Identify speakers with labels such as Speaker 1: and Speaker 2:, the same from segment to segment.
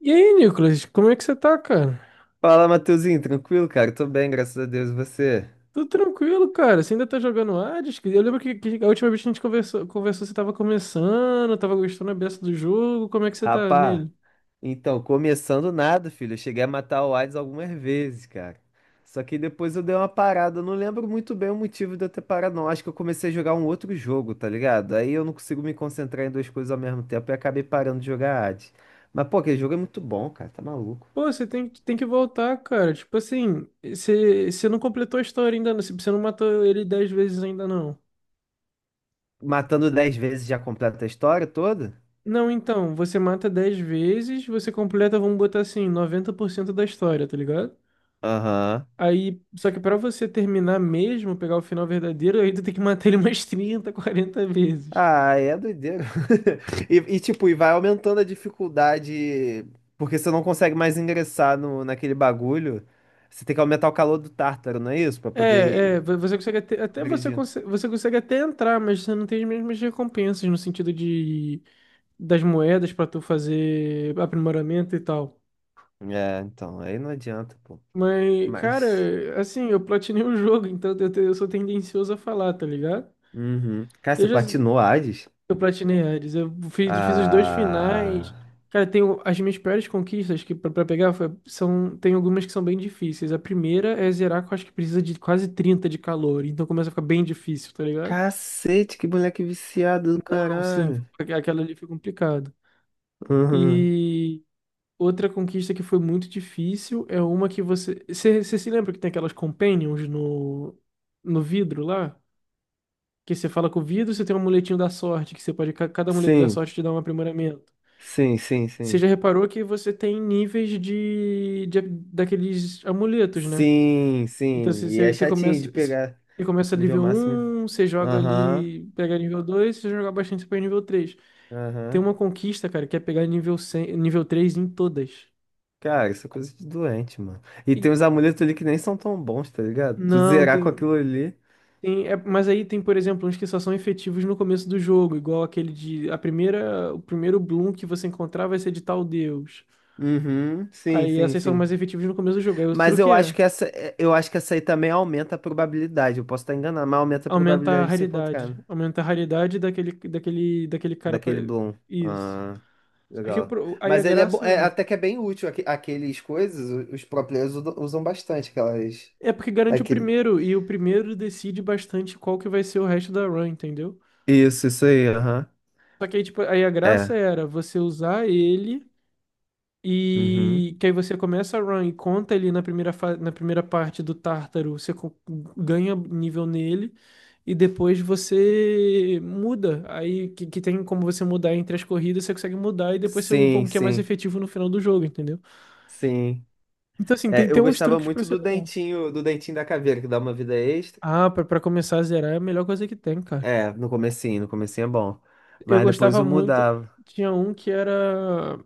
Speaker 1: E aí, Nicolas, como é que você tá, cara?
Speaker 2: Fala, Matheusinho, tranquilo, cara? Tô bem, graças a Deus, e você?
Speaker 1: Tudo tranquilo, cara. Você ainda tá jogando Hades? Eu lembro que a última vez que a gente conversou, você tava começando, tava gostando a beça do jogo. Como é que você tá
Speaker 2: Rapá,
Speaker 1: nele?
Speaker 2: então, começando nada, filho. Eu cheguei a matar o Hades algumas vezes, cara. Só que depois eu dei uma parada. Eu não lembro muito bem o motivo de eu ter parado, não. Acho que eu comecei a jogar um outro jogo, tá ligado? Aí eu não consigo me concentrar em duas coisas ao mesmo tempo e acabei parando de jogar Hades. Mas, pô, aquele jogo é muito bom, cara, tá maluco.
Speaker 1: Pô, você tem que voltar, cara. Tipo assim, você não completou a história ainda, não. Você não matou ele 10 vezes ainda, não.
Speaker 2: Matando 10 vezes já completa a história toda?
Speaker 1: Não, então, você mata 10 vezes, você completa, vamos botar assim, 90% da história, tá ligado?
Speaker 2: Aham.
Speaker 1: Aí, só que pra você terminar mesmo, pegar o final verdadeiro, aí tu tem que matar ele umas 30, 40 vezes.
Speaker 2: Ah, é doideira. E, tipo, e vai aumentando a dificuldade, porque você não consegue mais ingressar no, naquele bagulho. Você tem que aumentar o calor do Tártaro, não é isso? Pra
Speaker 1: É,
Speaker 2: poder
Speaker 1: é, vo- você consegue
Speaker 2: agredir.
Speaker 1: até entrar, mas você não tem as mesmas recompensas no sentido de das moedas pra tu fazer aprimoramento e tal.
Speaker 2: É, então, aí não adianta, pô.
Speaker 1: Mas,
Speaker 2: Mas.
Speaker 1: cara, assim, eu platinei o jogo, então eu sou tendencioso a falar, tá ligado?
Speaker 2: Uhum. Cara,
Speaker 1: Eu
Speaker 2: você
Speaker 1: já
Speaker 2: platinou Hades?
Speaker 1: eu platinei Hades, eu fiz os dois finais.
Speaker 2: Ah.
Speaker 1: Cara, tenho as minhas piores conquistas que pra pegar são tem algumas que são bem difíceis. A primeira é zerar, que eu acho que precisa de quase 30 de calor, então começa a ficar bem difícil, tá ligado?
Speaker 2: Cacete, que moleque viciado do
Speaker 1: Sim,
Speaker 2: caralho.
Speaker 1: aquela ali foi complicado.
Speaker 2: Uhum.
Speaker 1: E outra conquista que foi muito difícil é uma que você. Você se lembra que tem aquelas companions no vidro lá? Que você fala com o vidro, você tem um amuletinho da sorte, que você pode. Cada amuleto da
Speaker 2: Sim,
Speaker 1: sorte te dá um aprimoramento.
Speaker 2: sim, sim,
Speaker 1: Você já
Speaker 2: sim.
Speaker 1: reparou que você tem níveis de daqueles amuletos, né?
Speaker 2: Sim,
Speaker 1: Então
Speaker 2: sim.
Speaker 1: você,
Speaker 2: E
Speaker 1: você
Speaker 2: é
Speaker 1: você
Speaker 2: chatinho de
Speaker 1: começa.
Speaker 2: pegar
Speaker 1: Você começa
Speaker 2: nível
Speaker 1: nível
Speaker 2: máximo.
Speaker 1: um, você joga
Speaker 2: Aham,
Speaker 1: ali, pega nível dois, você joga bastante, você pega nível três. Tem
Speaker 2: aham.
Speaker 1: uma conquista, cara, que é pegar nível 100, nível 3 em todas.
Speaker 2: Cara, isso é coisa de doente, mano. E tem
Speaker 1: E
Speaker 2: uns amuletos ali que nem são tão bons, tá ligado? Tu
Speaker 1: não.
Speaker 2: zerar com aquilo ali.
Speaker 1: Mas aí tem, por exemplo, uns que só são efetivos no começo do jogo, igual aquele de a primeira, o primeiro Bloom que você encontrar vai ser de tal deus.
Speaker 2: Uhum, sim,
Speaker 1: Aí
Speaker 2: sim,
Speaker 1: essas são
Speaker 2: sim.
Speaker 1: mais efetivas no começo do jogo. Aí o
Speaker 2: Mas
Speaker 1: truque
Speaker 2: eu acho
Speaker 1: é
Speaker 2: que essa aí também aumenta a probabilidade. Eu posso estar enganado, mas aumenta a probabilidade de se encontrar, né?
Speaker 1: aumentar a raridade daquele cara pra...
Speaker 2: Daquele Bloom.
Speaker 1: isso.
Speaker 2: Ah,
Speaker 1: Só que
Speaker 2: legal.
Speaker 1: aí a
Speaker 2: Mas ele
Speaker 1: graça
Speaker 2: é
Speaker 1: era.
Speaker 2: até que é bem útil. Aqueles coisas, os pro players usam bastante aquelas.
Speaker 1: É porque garante o
Speaker 2: Aquele.
Speaker 1: primeiro, e o primeiro decide bastante qual que vai ser o resto da run, entendeu?
Speaker 2: Isso aí, aham.
Speaker 1: Só que aí, tipo, aí a graça
Speaker 2: É.
Speaker 1: era você usar ele
Speaker 2: Uhum.
Speaker 1: e que aí você começa a run e conta ele na primeira parte do Tártaro, ganha nível nele e depois você muda. Aí que tem como você mudar entre as corridas, você consegue mudar e depois você upa um
Speaker 2: Sim,
Speaker 1: que é mais
Speaker 2: sim,
Speaker 1: efetivo no final do jogo, entendeu?
Speaker 2: sim.
Speaker 1: Então, assim,
Speaker 2: É,
Speaker 1: tem,
Speaker 2: eu
Speaker 1: tem uns
Speaker 2: gostava
Speaker 1: truques pra
Speaker 2: muito do
Speaker 1: acelerar.
Speaker 2: dentinho, do dentinho da caveira, que dá uma vida extra.
Speaker 1: Ah, pra começar a zerar é a melhor coisa que tem, cara.
Speaker 2: É, no comecinho, no comecinho é bom.
Speaker 1: Eu
Speaker 2: Mas depois
Speaker 1: gostava
Speaker 2: eu
Speaker 1: muito,
Speaker 2: mudava.
Speaker 1: tinha um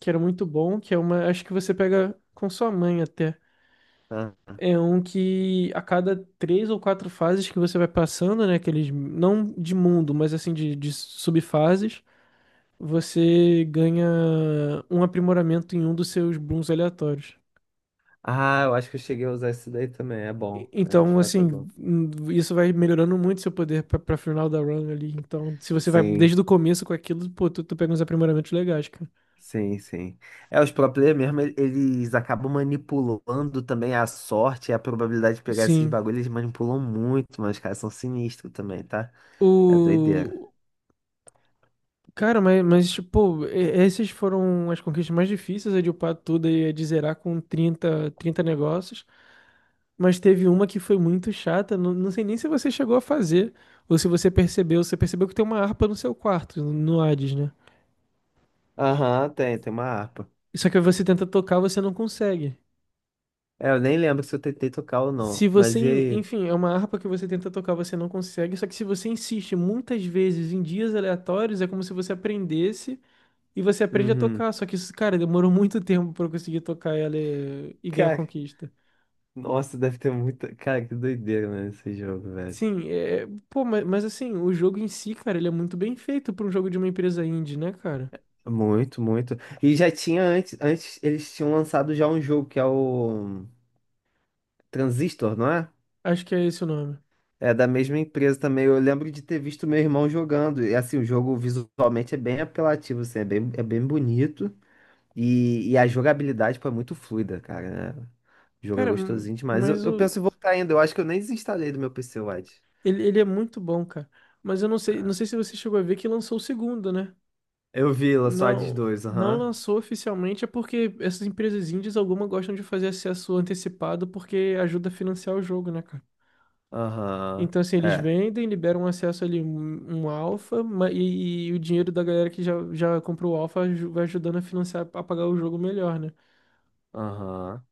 Speaker 1: que era. Muito bom, que é uma, acho que você pega com sua mãe até.
Speaker 2: Tá?
Speaker 1: É um que a cada três ou quatro fases que você vai passando, né, aqueles, não de mundo, mas assim de subfases, você ganha um aprimoramento em um dos seus booms aleatórios.
Speaker 2: Ah, eu acho que eu cheguei a usar isso daí também. É bom. É, de
Speaker 1: Então,
Speaker 2: fato é
Speaker 1: assim,
Speaker 2: bom.
Speaker 1: isso vai melhorando muito seu poder pra final da run ali. Então, se você vai
Speaker 2: Sim,
Speaker 1: desde o começo com aquilo, pô, tu pega uns aprimoramentos legais, cara.
Speaker 2: sim, sim. É, os pro player mesmo, eles acabam manipulando também a sorte e a probabilidade de pegar esses
Speaker 1: Sim.
Speaker 2: bagulhos, eles manipulam muito, mas os caras são sinistros também, tá? É doideira.
Speaker 1: O, Cara, mas tipo, essas foram as conquistas mais difíceis, a de upar tudo e a de zerar com trinta negócios. Mas teve uma que foi muito chata, não, não sei nem se você chegou a fazer, ou se você percebeu. Você percebeu que tem uma harpa no seu quarto, no Hades, né?
Speaker 2: Aham, tem uma harpa.
Speaker 1: Só que você tenta tocar, você não consegue.
Speaker 2: É, eu nem lembro se eu tentei tocar ou não.
Speaker 1: Se você,
Speaker 2: Mas e
Speaker 1: en-
Speaker 2: aí?
Speaker 1: enfim, é uma harpa que você tenta tocar, você não consegue. Só que se você insiste muitas vezes em dias aleatórios, é como se você aprendesse. E você aprende a
Speaker 2: Uhum.
Speaker 1: tocar, só que isso, cara, demorou muito tempo pra eu conseguir tocar ela e ganhar
Speaker 2: Cara.
Speaker 1: conquista.
Speaker 2: Nossa, deve ter muita. Cara, que doideira, né, esse jogo, velho.
Speaker 1: Sim, pô, mas assim, o jogo em si, cara, ele é muito bem feito pra um jogo de uma empresa indie, né, cara?
Speaker 2: Muito, muito. E já tinha antes, antes eles tinham lançado já um jogo que é o Transistor, não é?
Speaker 1: Acho que é esse o nome.
Speaker 2: É da mesma empresa também. Eu lembro de ter visto meu irmão jogando. E assim, o jogo visualmente é bem apelativo, assim, é bem bonito. E a jogabilidade, pô, é muito fluida, cara, né? O jogo é
Speaker 1: Cara,
Speaker 2: gostosinho demais. Eu,
Speaker 1: mas
Speaker 2: eu penso em voltar ainda. Eu acho que eu nem desinstalei do meu PC, Wide.
Speaker 1: ele é muito bom, cara. Mas eu não
Speaker 2: Ah.
Speaker 1: sei se você chegou a ver que lançou o segundo, né?
Speaker 2: Eu vi, lançou a Hades
Speaker 1: Não,
Speaker 2: 2,
Speaker 1: não
Speaker 2: aham.
Speaker 1: lançou oficialmente, é porque essas empresas indies, alguma gostam de fazer acesso antecipado porque ajuda a financiar o jogo, né, cara?
Speaker 2: Aham.
Speaker 1: Então, assim, eles
Speaker 2: É.
Speaker 1: vendem, liberam um acesso ali um alfa, e o dinheiro da galera que já comprou o alfa vai ajudando a financiar, a pagar o jogo melhor, né?
Speaker 2: Aham.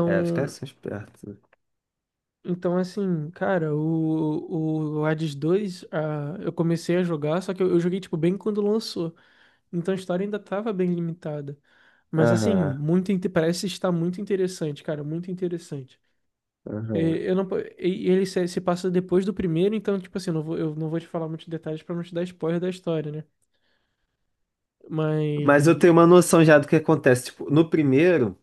Speaker 2: É, os caras são espertos.
Speaker 1: então assim, cara, o Hades 2 eu comecei a jogar, só que eu joguei, tipo, bem quando lançou. Então a história ainda tava bem limitada. Mas, assim,
Speaker 2: Aham.
Speaker 1: muito, parece estar muito interessante, cara, muito interessante. É,
Speaker 2: Aham.
Speaker 1: Eu não, po- e ele se passa depois do primeiro, então, tipo assim, eu não vou te falar muitos detalhes pra não te dar spoiler da história, né?
Speaker 2: Mas eu
Speaker 1: Mas
Speaker 2: tenho uma noção já do que acontece. Tipo, no primeiro,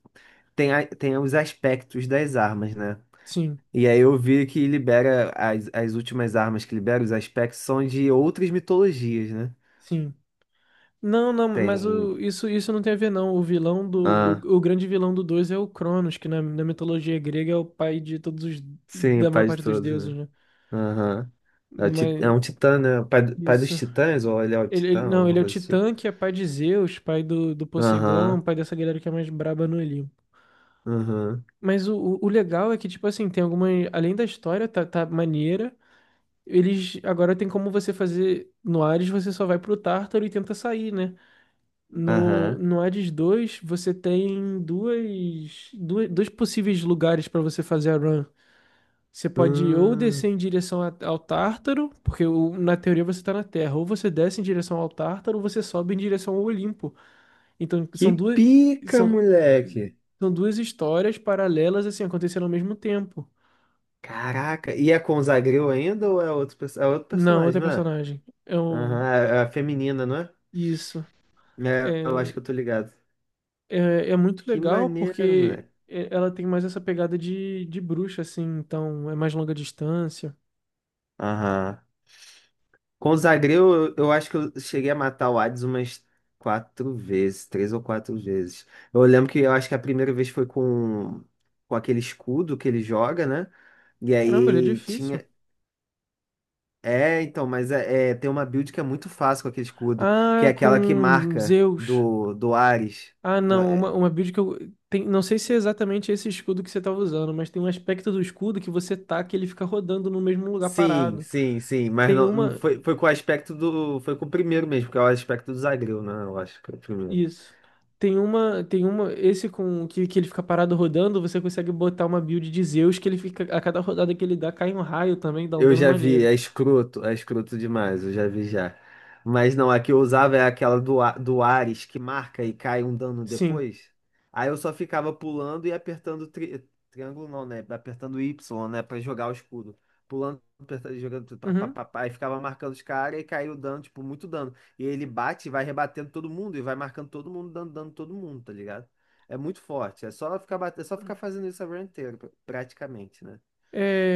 Speaker 2: tem os aspectos das armas, né?
Speaker 1: sim,
Speaker 2: E aí eu vi que libera as últimas armas que libera, os aspectos são de outras mitologias, né?
Speaker 1: sim. Não, não, mas
Speaker 2: Tem.
Speaker 1: isso não tem a ver, não. O vilão do.
Speaker 2: Ah,
Speaker 1: O grande vilão do 2 é o Cronos, que na mitologia grega é o pai de todos os.
Speaker 2: sim, o
Speaker 1: Da maior
Speaker 2: pai de
Speaker 1: parte dos
Speaker 2: todos,
Speaker 1: deuses,
Speaker 2: né?
Speaker 1: né?
Speaker 2: Aham. É, é um
Speaker 1: Mas
Speaker 2: titã, né? O pai, pai dos
Speaker 1: isso.
Speaker 2: titãs, ou ele é o
Speaker 1: Ele,
Speaker 2: titã,
Speaker 1: não,
Speaker 2: alguma
Speaker 1: ele é o
Speaker 2: coisa assim.
Speaker 1: Titã, que é pai de Zeus, pai do Poseidon,
Speaker 2: Aham.
Speaker 1: pai dessa galera que é mais braba no Olimpo.
Speaker 2: Aham.
Speaker 1: Mas o legal é que, tipo assim, tem alguma. Além da história, tá maneira. Eles. Agora tem como você fazer. No Ares, você só vai pro Tártaro e tenta sair, né? No,
Speaker 2: Aham.
Speaker 1: no Hades 2, você tem dois possíveis lugares para você fazer a run. Você pode ou descer
Speaker 2: Hum.
Speaker 1: em direção ao Tártaro, porque na teoria você está na Terra, ou você desce em direção ao Tártaro, ou você sobe em direção ao Olimpo. Então,
Speaker 2: Que pica,
Speaker 1: são,
Speaker 2: moleque!
Speaker 1: são duas histórias paralelas, assim, acontecendo ao mesmo tempo.
Speaker 2: Caraca, e é com o Zagreu ainda ou é outro
Speaker 1: Não,
Speaker 2: personagem,
Speaker 1: outra
Speaker 2: não é?
Speaker 1: personagem. É um,
Speaker 2: Aham, é a feminina, não é?
Speaker 1: isso.
Speaker 2: É, eu
Speaker 1: É,
Speaker 2: acho que eu tô ligado.
Speaker 1: é muito
Speaker 2: Que
Speaker 1: legal
Speaker 2: maneiro,
Speaker 1: porque
Speaker 2: moleque.
Speaker 1: ela tem mais essa pegada de bruxa, assim, então é mais longa distância.
Speaker 2: Aham. Com o Zagreu, eu acho que eu cheguei a matar o Hades umas quatro vezes, três ou quatro vezes. Eu lembro que eu acho que a primeira vez foi com aquele escudo que ele joga, né? E
Speaker 1: Caramba, ele é
Speaker 2: aí
Speaker 1: difícil.
Speaker 2: tinha. É, então, mas tem uma build que é muito fácil com aquele escudo, que é
Speaker 1: Ah,
Speaker 2: aquela que
Speaker 1: com
Speaker 2: marca
Speaker 1: Zeus.
Speaker 2: do Ares.
Speaker 1: Ah,
Speaker 2: Não,
Speaker 1: não, uma,
Speaker 2: é-
Speaker 1: uma build que eu. Tem, não sei se é exatamente esse escudo que você tava usando, mas tem um aspecto do escudo que você taca e ele fica rodando no mesmo lugar
Speaker 2: Sim,
Speaker 1: parado.
Speaker 2: sim, sim, mas
Speaker 1: Tem
Speaker 2: não, não
Speaker 1: uma.
Speaker 2: foi, foi com o aspecto do. Foi com o primeiro mesmo, que é o aspecto do Zagreu, né? Eu acho que é o primeiro.
Speaker 1: Isso. Tem uma. Tem uma. Esse com que ele fica parado rodando, você consegue botar uma build de Zeus que ele fica. A cada rodada que ele dá, cai um raio também, dá um
Speaker 2: Eu
Speaker 1: dano
Speaker 2: já vi,
Speaker 1: maneiro.
Speaker 2: é escroto demais, eu já vi já. Mas não, a que eu usava é aquela do Ares que marca e cai um dano
Speaker 1: Sim.
Speaker 2: depois. Aí eu só ficava pulando e apertando triângulo, não, né? Apertando Y, né? Pra jogar o escudo. Pulando, apertando, jogando, tudo, pá, pá,
Speaker 1: Uhum.
Speaker 2: pá, pá, e ficava marcando os caras e caiu dano, tipo, muito dano. E ele bate e vai rebatendo todo mundo e vai marcando todo mundo, dando dano todo mundo, tá ligado? É muito forte. É só ficar fazendo isso a run inteira, praticamente, né?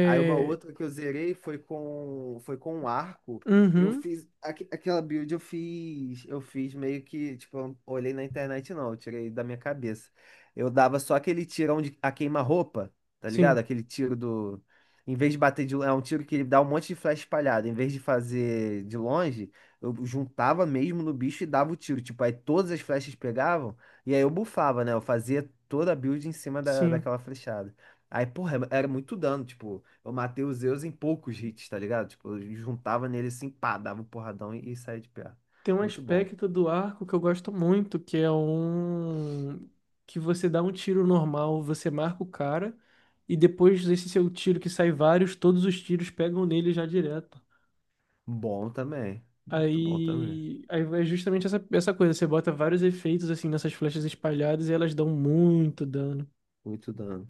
Speaker 2: Aí uma outra que eu zerei foi com um arco. Eu
Speaker 1: Uhum.
Speaker 2: fiz aquela build eu fiz meio que, tipo, eu não olhei na internet não, eu tirei da minha cabeça. Eu dava só aquele tirão de a queima-roupa, tá
Speaker 1: Sim,
Speaker 2: ligado? Aquele tiro do em vez de bater de é um tiro que ele dá um monte de flecha espalhada, em vez de fazer de longe, eu juntava mesmo no bicho e dava o tiro, tipo, aí todas as flechas pegavam e aí eu bufava, né? Eu fazia toda a build em cima
Speaker 1: sim.
Speaker 2: daquela flechada. Aí, porra, era muito dano, tipo, eu matei o Zeus em poucos hits, tá ligado? Tipo, eu juntava nele assim, pá, dava um porradão e saía de perto.
Speaker 1: Tem um
Speaker 2: Muito bom.
Speaker 1: aspecto do arco que eu gosto muito, que é um... Que você dá um tiro normal, você marca o cara, e depois desse seu tiro que sai vários, todos os tiros pegam nele já direto.
Speaker 2: Bom também. Muito bom também.
Speaker 1: Aí, é justamente essa coisa, você bota vários efeitos assim nessas flechas espalhadas e elas dão muito dano.
Speaker 2: Muito dano.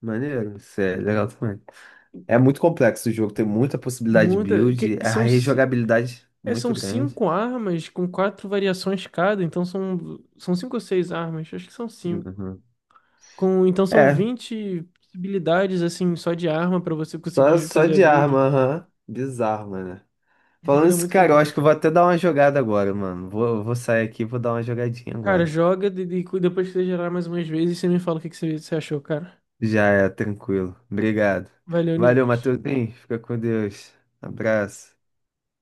Speaker 2: Maneiro, isso é legal também. É muito complexo o jogo, tem muita possibilidade de
Speaker 1: Muita. Que,
Speaker 2: build,
Speaker 1: que
Speaker 2: é a
Speaker 1: são.
Speaker 2: rejogabilidade
Speaker 1: É,
Speaker 2: muito
Speaker 1: são
Speaker 2: grande.
Speaker 1: cinco armas com quatro variações cada, então são cinco ou seis armas, acho que são cinco.
Speaker 2: Uhum.
Speaker 1: Então são
Speaker 2: É,
Speaker 1: 20 possibilidades, assim, só de arma pra você
Speaker 2: só,
Speaker 1: conseguir
Speaker 2: só
Speaker 1: fazer a
Speaker 2: de
Speaker 1: build.
Speaker 2: arma, aham. Bizarro, mano.
Speaker 1: Esse
Speaker 2: Falando
Speaker 1: jogo é
Speaker 2: isso,
Speaker 1: muito
Speaker 2: cara, eu acho que eu
Speaker 1: completo.
Speaker 2: vou até dar uma jogada agora, mano. Vou sair aqui e vou dar uma jogadinha
Speaker 1: Cara,
Speaker 2: agora.
Speaker 1: joga e depois que você gerar mais umas vezes, você me fala o que você achou, cara.
Speaker 2: Já é, tranquilo. Obrigado.
Speaker 1: Valeu,
Speaker 2: Valeu,
Speaker 1: Nicolas.
Speaker 2: Matheusinho. Fica com Deus. Abraço.